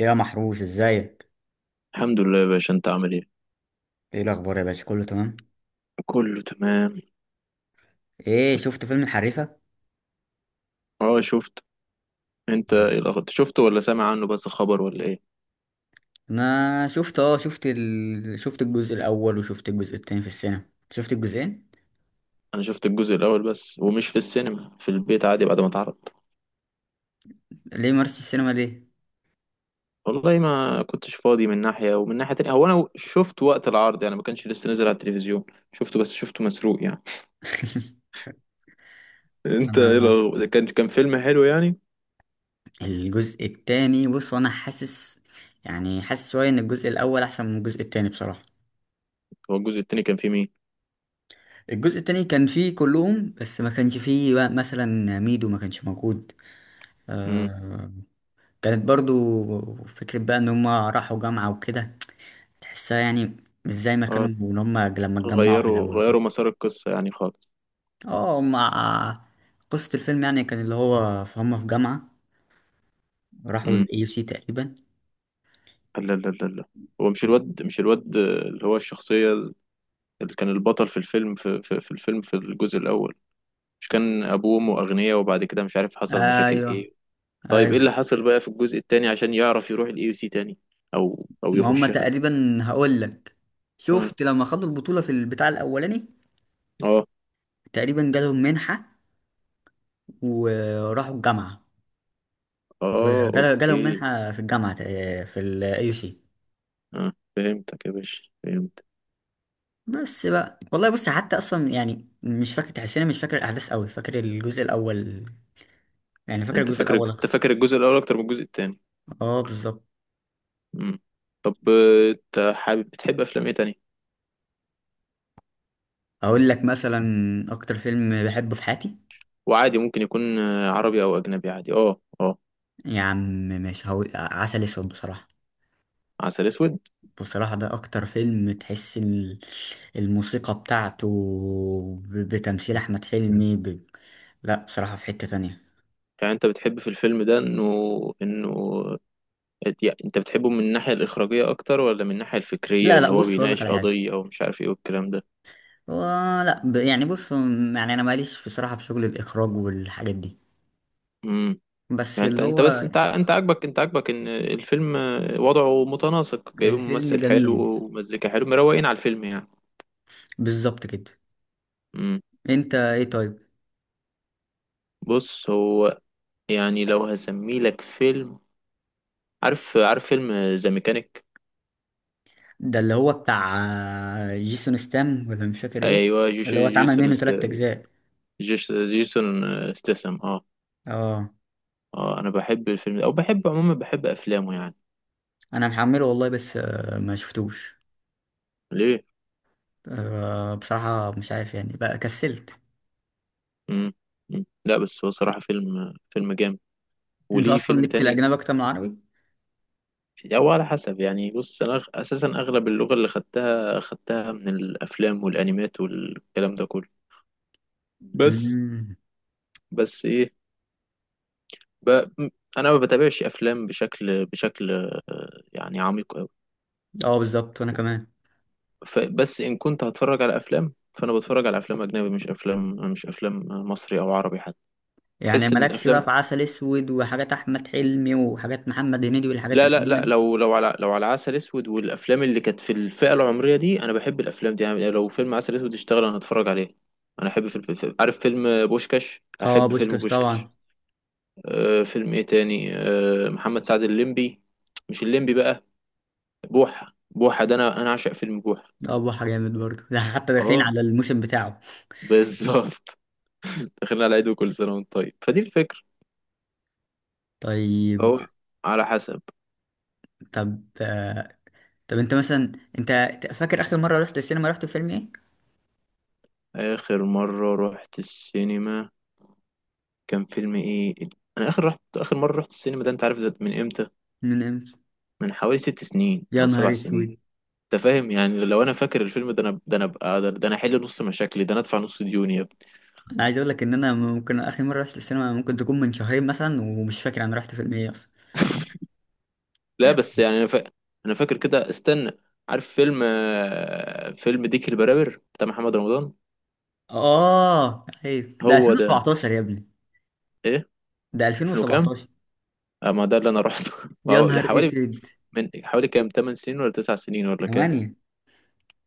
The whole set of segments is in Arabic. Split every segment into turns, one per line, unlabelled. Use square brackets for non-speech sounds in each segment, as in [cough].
يا محروس، ازيك؟
الحمد لله يا باشا، انت عامل ايه؟
ايه الاخبار يا باشا؟ كله تمام؟
كله تمام.
ايه، شفت فيلم الحريفه؟
اه، شفت. انت
يعني.
ايه الاخر، شفته ولا سامع عنه بس خبر ولا ايه؟
انا شفت اه شفت ال... شفت الجزء الاول وشفت الجزء التاني في السينما، شفت الجزئين.
انا شفت الجزء الاول بس، ومش في السينما، في البيت عادي بعد ما اتعرض.
ليه ما رحتش السينما، ليه؟
والله ما كنتش فاضي من ناحية، ومن ناحية تانية هو انا شفت وقت العرض يعني، ما كانش لسه نزل على التلفزيون. شفته، بس شفته مسروق يعني.
[laughs]
[laughs] انت ايه
انا
الاخر، كان فيلم حلو يعني؟
الجزء التاني، بص انا حاسس، يعني حاسس شويه ان الجزء الاول احسن من الجزء التاني بصراحه.
هو الجزء التاني كان فيه مين؟
الجزء التاني كان فيه كلهم، بس ما كانش فيه بقى مثلا ميدو، ما كانش موجود
امم.
آه كانت برضو فكرة بقى ان هما راحوا جامعة وكده، تحسها يعني، مش زي ما كانوا
اه،
اللي هما لما اتجمعوا في
غيروا
الأول كده.
غيروا مسار القصة يعني خالص.
اه، قصة الفيلم يعني كان اللي هو هما في جامعة، راحوا ال
امم.
AUC تقريبا.
لا، لا، لا، لا، هو مش الواد اللي هو الشخصية، اللي كان البطل في الفيلم في الفيلم في الجزء الأول. مش كان أبوه وأمه أغنياء، وبعد كده مش عارف حصل مشاكل
أيوه،
إيه؟ طيب إيه
أيوه،
اللي حصل بقى في الجزء التاني عشان يعرف يروح الإي يو سي تاني؟ أو
ما هما
يخشها.
تقريبا هقول لك،
آه،
شفت لما خدوا البطولة في البتاع الأولاني،
آه،
تقريبا جالهم منحة وراحوا الجامعة،
آه،
جالهم
أوكي.
منحة في الجامعة في ال AUC.
آه، فهمتك يا باشا، فهمت.
بس بقى والله، بص، حتى أصلا يعني مش فاكر، تحسيني مش فاكر الأحداث أوي، فاكر الجزء الأول، يعني فاكر
أنت
الجزء
فاكر
الأول.
أنت فاكر الجزء الأول أكتر من الجزء التاني.
اه، بالظبط.
مم. طب، أنت حابب بتحب أفلام إيه تاني؟
اقول لك مثلا اكتر فيلم بحبه في حياتي
وعادي، ممكن يكون عربي أو أجنبي، عادي، آه، آه.
يا عم، مش هقول عسل اسود بصراحه.
عسل أسود.
بصراحه ده اكتر فيلم، تحس الموسيقى بتاعته، بتمثيل احمد حلمي لا، بصراحه في حته تانية.
يعني أنت بتحب في الفيلم ده إنه، إنه يعني انت بتحبه من الناحية الإخراجية أكتر، ولا من الناحية الفكرية
لا، لا،
اللي هو
بص اقول لك
بيناقش
على حاجه.
قضية ومش عارف ايه والكلام ده؟
هو، لا، يعني بص، يعني انا ماليش بصراحه في شغل الاخراج والحاجات دي.
امم.
بس
يعني انت
اللي
انت
هو
بس انت عاجبك ان الفيلم وضعه متناسق، جايبين
الفيلم
ممثل حلو
جميل،
ومزيكا حلو، مروقين على الفيلم يعني.
بالظبط كده.
امم.
انت ايه، طيب؟
بص هو، يعني لو هسميه لك فيلم، عارف فيلم ذا ميكانيك.
ده اللي هو بتاع، جيسون ستام ولا مش فاكر ايه،
ايوه،
اللي هو اتعمل
جيسون
منه
است-.
تلات اجزاء.
جيسون استسم، اه.
اه،
اه، انا بحب الفيلم ده، او بحب عموما بحب افلامه يعني.
انا محمله والله، بس ما شفتوش.
ليه؟
بصراحة مش عارف يعني، بقى كسلت.
مم. مم. لا بس هو صراحة فيلم جامد.
انت
وليه
اصلا
فيلم
ليك في
تاني.
الاجنبي اكتر من العربي؟
أو على حسب يعني، بص أنا أساسا أغلب اللغة اللي خدتها من الأفلام والأنيمات والكلام ده كله. بس
مم.
بس إيه؟ ب... م- أنا ما بتابعش أفلام بشكل يعني عميق أوي.
اه، بالظبط وانا كمان.
بس إن كنت هتفرج على أفلام، فأنا بتفرج على أفلام أجنبي، مش أفلام مصري أو عربي حتى.
يعني
تحس إن
مالكش بقى
الأفلام.
في عسل اسود وحاجات احمد حلمي وحاجات محمد هنيدي والحاجات
لا، لا،
القديمة
لا،
دي؟
لو على عسل اسود والافلام اللي كانت في الفئه العمريه دي، انا بحب الافلام دي يعني. لو فيلم عسل اسود اشتغل، انا هتفرج عليه. انا احب فيلم عارف فيلم بوشكاش،
اه،
احب فيلم
بوشكاش
بوشكاش.
طبعا.
أه، فيلم ايه تاني؟ أه، محمد سعد الليمبي. مش الليمبي بقى. بوحه، بوحه ده، انا عاشق فيلم بوحه.
اه، بحر جامد برضه ده، حتى داخلين
اه،
على الموسم بتاعه.
بالظبط. [laughs] دخلنا على عيد، وكل سنه وانت طيب، فدي الفكره.
طيب.
هو، على حسب.
طب آه، طب، انت مثلا، انت فاكر اخر مره رحت السينما، رحت فيلم ايه؟
اخر مره رحت السينما كان فيلم ايه؟ انا اخر اخر مره رحت السينما، ده انت عارف ده من امتى؟
من امتى؟
من حوالي 6 سنين
يا
او
نهار
سبع
اسود.
سنين انت فاهم يعني؟ لو انا فاكر الفيلم ده، انا ده ده انا احل نص مشاكلي، ده انا ادفع نص ديوني يا ابني.
انا عايز اقول لك ان انا، ممكن اخر مره رحت السينما ممكن تكون من شهرين مثلا، ومش فاكر انا رحت فيلم ايه اصلا.
[laughs] لا بس يعني، انا فاكر كده، استنى. عارف فيلم، فيلم ديك البرابر بتاع محمد رمضان.
اه، ايوه، ده
هو ده.
2017 يا ابني.
ايه؟
ده
فيلم كام؟
2017.
ما ده اللي انا رحته. [laughs] ما
يا
هو
نهار
حوالي،
اسود.
من حوالي كام، 8 سنين ولا 9 سنين ولا كام؟
8.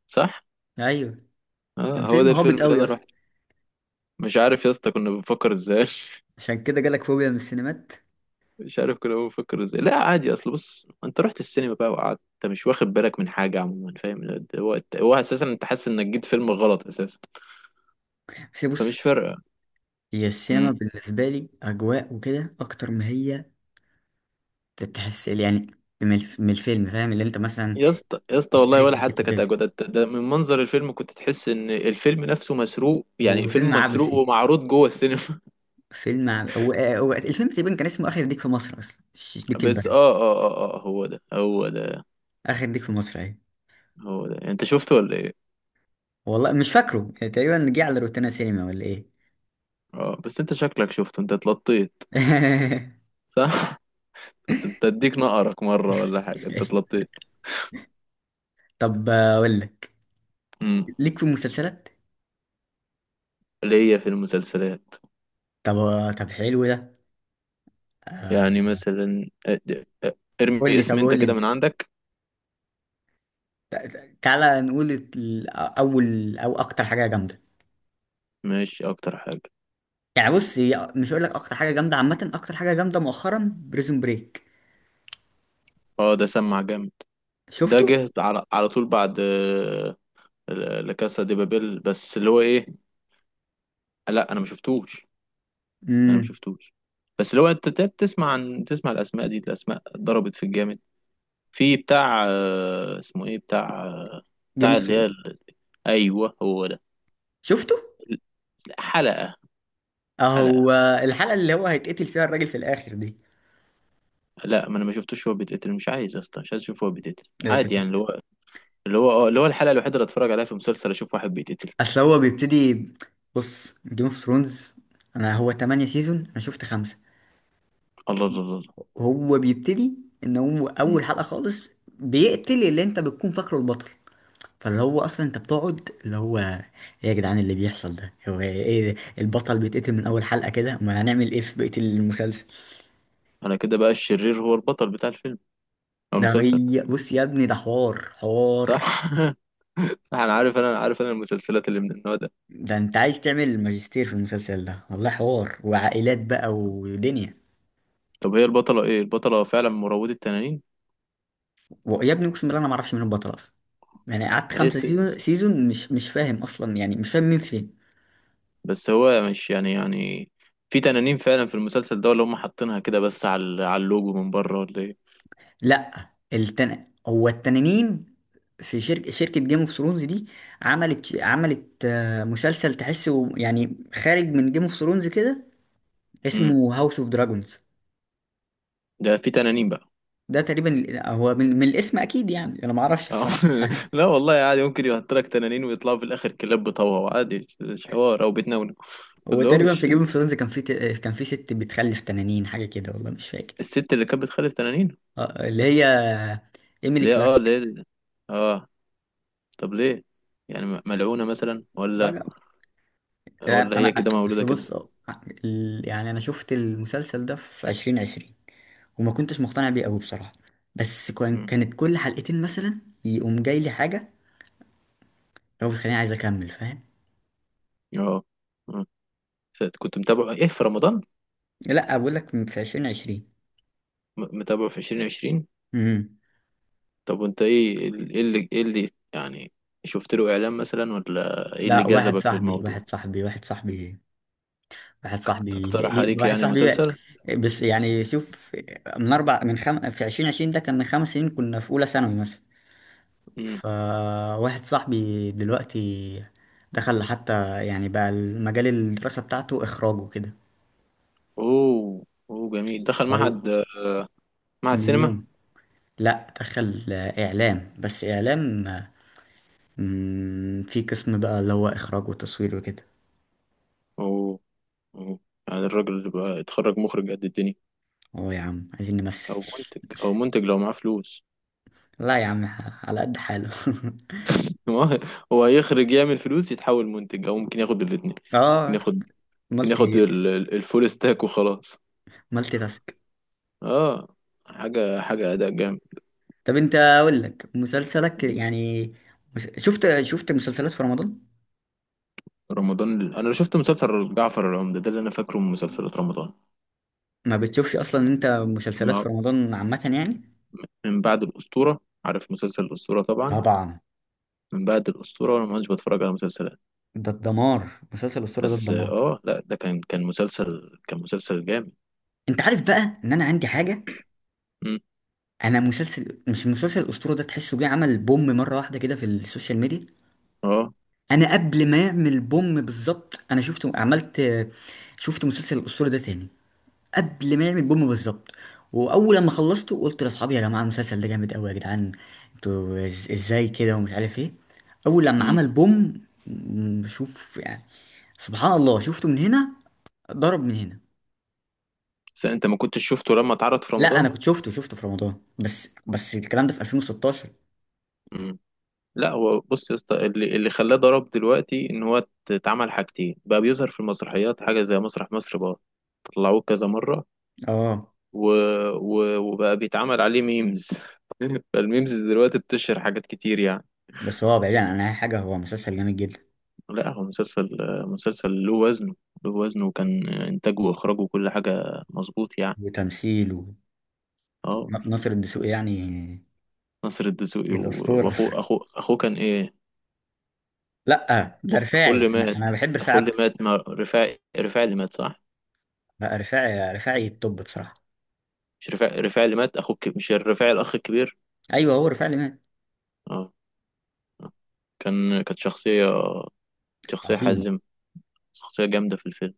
صح.
ايوه. كان
اه، هو ده
فيلم هابط
الفيلم اللي
قوي
انا
اصلا.
رحته. مش عارف يا اسطى، كنا بنفكر ازاي.
عشان كده جالك فوبيا من السينمات.
مش عارف كنا بنفكر ازاي. لا عادي، اصل بص انت رحت السينما بقى وقعدت، انت مش واخد بالك من حاجه عموما، فاهم؟ هو اساسا انت حاسس انك جيت فيلم غلط اساسا.
بس
فمش
بص،
فارقه.
هي السينما
امم.
بالنسبه لي اجواء وكده اكتر، ما هي تحس يعني من الفيلم، فاهم، اللي انت مثلا
يا اسطى يا اسطى، والله
تشتري
ولا
تيكت
حتى كانت
وكده.
اجودة. ده من منظر الفيلم كنت تحس ان الفيلم نفسه مسروق
هو
يعني،
فيلم
فيلم مسروق
عبثي،
ومعروض جوه السينما.
فيلم عب... هو... آه، هو الفيلم تقريبا كان اسمه اخر ديك في مصر اصلا، مش
[laughs]
ديك
بس،
البر.
اه، اه، اه، اه، هو ده، هو ده.
اخر ديك في مصر، اهي.
هو ده، انت شفته ولا ايه؟
والله مش فاكره، يعني تقريبا جه على روتانا سينما ولا ايه؟
اه، بس انت شكلك شفته، انت اتلطيت.
[laughs]
صح. [laughs] انت اديك نقرك مره ولا حاجه، انت اتلطيت.
طب اقول لك،
امم.
ليك في المسلسلات؟
اللي هي في المسلسلات.
طب. حلو ده.
يعني
آه،
مثلا
قول
ارمي
لي،
اسم
طب
انت
قول لي
كده
انت،
من عندك.
تعالى نقول اول او اكتر حاجه جامده.
ماشي، اكتر حاجة.
يعني بص، هي مش هقول لك اكتر حاجه جامده عامه، اكتر حاجه جامده مؤخرا بريزون بريك.
اه، ده سمع جامد. ده
شفته؟
جه على طول، بعد لا كاسا دي بابيل، بس اللي هو ايه. لا، انا ما شفتوش. انا ما
امم.
شفتوش. بس اللي هو انت بتسمع عن تسمع الاسماء دي، الاسماء ضربت في الجامد. في بتاع، اسمه ايه، بتاع.
جيم
بتاع
اوف
اللي هي
ثرونز.
ايوه، هو ده.
شفته.
حلقة. حلقة.
اهو. الحلقه اللي هو هيتقتل فيها الراجل في الاخر دي.
لا، ما انا ما شفتوش، هو بيتقتل، مش عايز يا اسطى، مش عايز اشوف هو بيتقتل
يا
عادي
ساتر.
يعني. اللي هو، اللي هو الحلقة الوحيدة اللي اتفرج عليها في مسلسل اشوف واحد بيتقتل.
اصل هو بيبتدي بص، جيم اوف ثرونز انا، هو 8 سيزون، انا شفت خمسة.
الله، الله، الله، الله.
هو بيبتدي ان هو
مم.
اول حلقه خالص بيقتل اللي انت بتكون فاكره البطل. فاللي هو اصلا انت بتقعد اللي هو ايه، يا جدعان اللي بيحصل ده هو ايه ده؟ البطل بيتقتل من اول حلقه كده، ما هنعمل ايه في بقيه المسلسل.
انا كده بقى الشرير هو البطل بتاع الفيلم او المسلسل.
بص يا ابني، ده حوار حوار،
صح. [laughs] صح، انا عارف انا المسلسلات اللي من النوع ده.
ده انت عايز تعمل ماجستير في المسلسل ده والله، حوار وعائلات بقى ودنيا.
طب هي البطلة ايه، البطلة فعلا مروضة تنانين؟
ويا ابني اقسم بالله انا ما اعرفش مين البطل اصلا، يعني قعدت
هي
خمسة
س...
سيزون
س...
سيزون، مش فاهم اصلا، يعني مش فاهم مين فين.
بس هو مش يعني، في تنانين فعلا في المسلسل ده، ولا هم حاطينها كده بس على على اللوجو من بره ولا ايه؟
لا، التنانين، في شركة جيم اوف ثرونز دي، عملت مسلسل تحسه يعني خارج من جيم اوف ثرونز كده،
مم.
اسمه هاوس اوف دراجونز.
ده في تنانين بقى.
ده تقريبا هو من الاسم اكيد، يعني انا ما اعرفش
اه.
الصراحة.
[laughs]
[laughs]
لا والله عادي، ممكن يحط لك تنانين ويطلعوا في الاخر كلاب بطوها عادي، مش حوار او بتنونك ما
هو تقريبا
تقولهمش
في جيم اوف ثرونز كان في ت... آه، كان في ست بتخلف تنانين، حاجه كده والله مش فاكر.
الست اللي كانت بتخلف تنانين
اللي هي ايميلي
ليه. اه،
كلارك.
ليه. اه. طب ليه؟ يعني ملعونة مثلا ولا،
بقى- يعني
ولا هي
انا
كده مولودة
اصل،
كده؟
بص، يعني انا شفت المسلسل ده في 2020، وما كنتش مقتنع بيه قوي بصراحه. بس كان
مم.
كانت كل حلقتين مثلا يقوم جاي لي حاجه، هو بتخليني عايز اكمل، فاهم.
اه. مم. كنت متابع ايه في رمضان؟
لا، بقول لك في 2020.
متابع في 2020؟
امم.
طب وانت ايه، ايه اللي يعني شفت له اعلان مثلا، ولا ايه اللي
لا، واحد
جذبك
صاحبي
للموضوع؟
واحد صاحبي واحد صاحبي واحد صاحبي ليه
تقترح
ليه-
عليك
واحد
يعني
صاحبي.
المسلسل.
بس يعني شوف، من اربع من خم... في 2020 ده كان من 5 سنين، كنا في اولى ثانوي مثلا.
مم.
فواحد صاحبي دلوقتي، دخل حتى، يعني بقى المجال الدراسة بتاعته اخراج وكده.
اوه، اوه، جميل، دخل
فهو
معهد. معهد
من
سينما.
يوم. لا، دخل اعلام، بس اعلام. في قسم بقى اللي هو اخراج وتصوير وكده.
اوه، اوه. يعني الراجل اللي بقى يتخرج مخرج قد الدنيا،
اه يا عم، عايزين نمثل.
او منتج لو معاه فلوس.
لا يا عم، على قد حاله. [laughs]
[laughs] هو هو هيخرج، يعمل فلوس، يتحول منتج، او ممكن ياخد الاثنين. ممكن
اه.
ياخد. ممكن ياخد
مالتي
الفول ستاك وخلاص.
مالتي تاسك.
اه. حاجه اداء جامد.
طب انت، اقول لك مسلسلك يعني. شفت مسلسلات في رمضان؟
رمضان انا شفت مسلسل جعفر العمدة، ده اللي انا فاكره من مسلسلات رمضان.
ما بتشوفش اصلا انت مسلسلات
ما،
في رمضان عامة يعني؟
من بعد الاسطوره. عارف مسلسل الاسطوره طبعا.
طبعا.
من بعد الاسطوره وانا ما كنتش بتفرج على مسلسلات.
ده الدمار، مسلسل الأسطورة ده
بس،
الدمار.
اه، لا ده كان مسلسل جامد.
انت عارف بقى ان انا عندي حاجة؟
مم.
انا مسلسل، مش مسلسل الأسطورة ده تحسه جه عمل بوم مرة واحدة كده في السوشيال ميديا.
اه.
انا قبل ما يعمل بوم بالظبط، انا شفت مسلسل الأسطورة ده تاني قبل ما يعمل بوم بالظبط. واول لما خلصته، قلت لاصحابي: يا جماعه، المسلسل ده جامد قوي يا جدعان، انتوا ازاي كده، ومش عارف ايه. اول لما
امم.
عمل بوم، شوف يعني، سبحان الله، شفته من هنا، ضرب من هنا.
انت ما كنتش شفته لما اتعرض في
لا انا
رمضان.
كنت شفته في رمضان، بس الكلام ده في 2016.
لا هو بص يا اسطى، اللي خلاه ضرب دلوقتي ان هو اتعمل حاجتين بقى، بيظهر في المسرحيات حاجه زي مسرح مصر بقى. طلعوه كذا مره.
اه
و... وبقى بيتعمل عليه ميمز. [laughs] فالميمز دلوقتي بتشهر حاجات كتير يعني.
بس، هو بعيدا عن اي حاجه هو مسلسل جامد جدا.
لا هو مسلسل، مسلسل له وزنه، له وزنه، وكان انتاجه واخراجه وكل حاجه مظبوط يعني.
وتمثيل.
اه.
وناصر الدسوقي يعني.
ناصر الدسوقي
الاسطوره. [laughs]
واخوه اخوه اخوه كان ايه؟
لا، ده
اخوه
رفاعي،
اللي
انا
مات.
أنا بحب رفاعي
اخوه اللي
اكتر.
مات ما رفاعي، رفاعي اللي مات صح.
لا، رفاعي، رفاعي التوب بصراحه.
مش رفاعي، رفاعي اللي مات اخوه مش الرفاعي الاخ الكبير.
ايوه، هو رفاعي اللي مات.
اه. آه. كانت شخصية، شخصية
عظيمه.
حازمة، شخصية جامدة في الفيلم.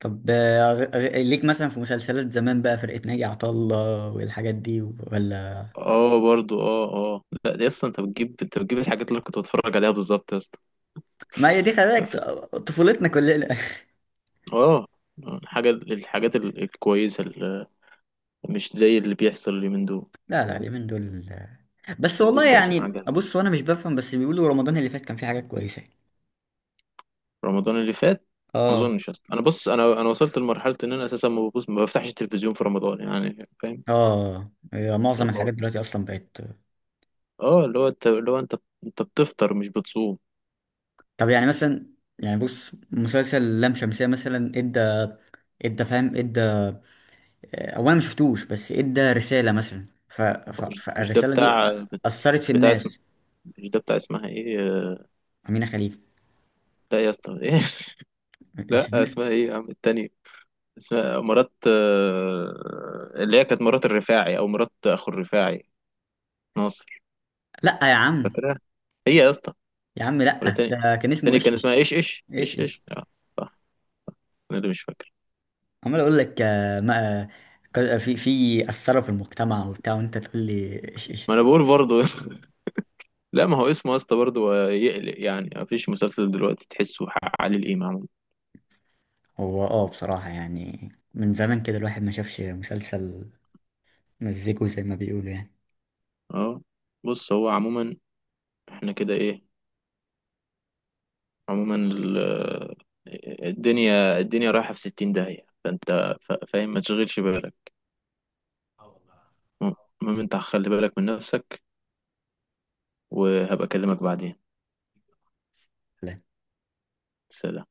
طب، ليك مثلا في مسلسلات زمان بقى فرقة ناجي عطا الله والحاجات دي، ولا؟
اه، برضو، اه. اه، لا دي اصلا، انت بتجيب الحاجات اللي أنا كنت بتفرج عليها بالظبط يا اسطى.
ما هي دي، خلي بالك،
ف-
طفولتنا كلنا. [laughs]
اه. حاجة الحاجات الكويسة مش زي اللي بيحصل اليومين دول.
لا، لا، اليومين دول آه. بس
من دول
والله
بقت
يعني،
معجنة.
بص، وانا مش بفهم، بس بيقولوا رمضان اللي فات كان فيه حاجات كويسة.
رمضان اللي فات، ما
اه.
اظنش اصلا. انا بص، انا وصلت لمرحلة ان انا اساسا ما بفتحش التلفزيون في رمضان يعني، فاهم؟
اه، هي معظم
اللي هو-
الحاجات دلوقتي اصلا بقت.
اه، اللي هو انت انت بتفطر مش بتصوم.
طب يعني مثلا، يعني بص مسلسل لام شمسية مثلا، ادى، ادى فاهم ادى، اولا ما شفتوش، بس ادى رسالة مثلا،
مش ده
فالرسالة دي
بتاع،
أثرت في
بتاع.
الناس.
مش ده بتاع اسمها ايه،
أمينة خليل.
لا يا اسطى ايه. [laughs] لا
مش أمينة.
اسمها ايه يا عم، التانية. اسمها مرات، اللي هي كانت مرات الرفاعي او مرات اخو الرفاعي، ناصر.
لأ يا عم،
فاكرها. هي يا اسطى.
يا عم
ولا
لأ،
تاني.
ده كان اسمه
تاني كان اسمها
إيش.
ايش، ايش،
إيش
ايش،
إيش.
ايش، اه. صح، انا اللي مش فاكر.
عمال أقول لك ما في أثروا في المجتمع وبتاع، وأنت تقول لي إيش إيش.
ما انا بقول برضو. [laughs] لا ما هو اسمه يا اسطى برضو يقلق يعني، ما فيش مسلسل دلوقتي تحسه حق علي الامام.
هو بصراحة يعني من زمان كده الواحد ما شافش مسلسل، مزيكو زي ما بيقولوا،
اه، بص هو عموما، احنا كده ايه، عموما الدنيا الدنيا رايحة في 60 داهية، فانت فاهم، ما تشغلش بالك. المهم انت خلي بالك من نفسك، وهبقى اكلمك بعدين.
يعني
سلام.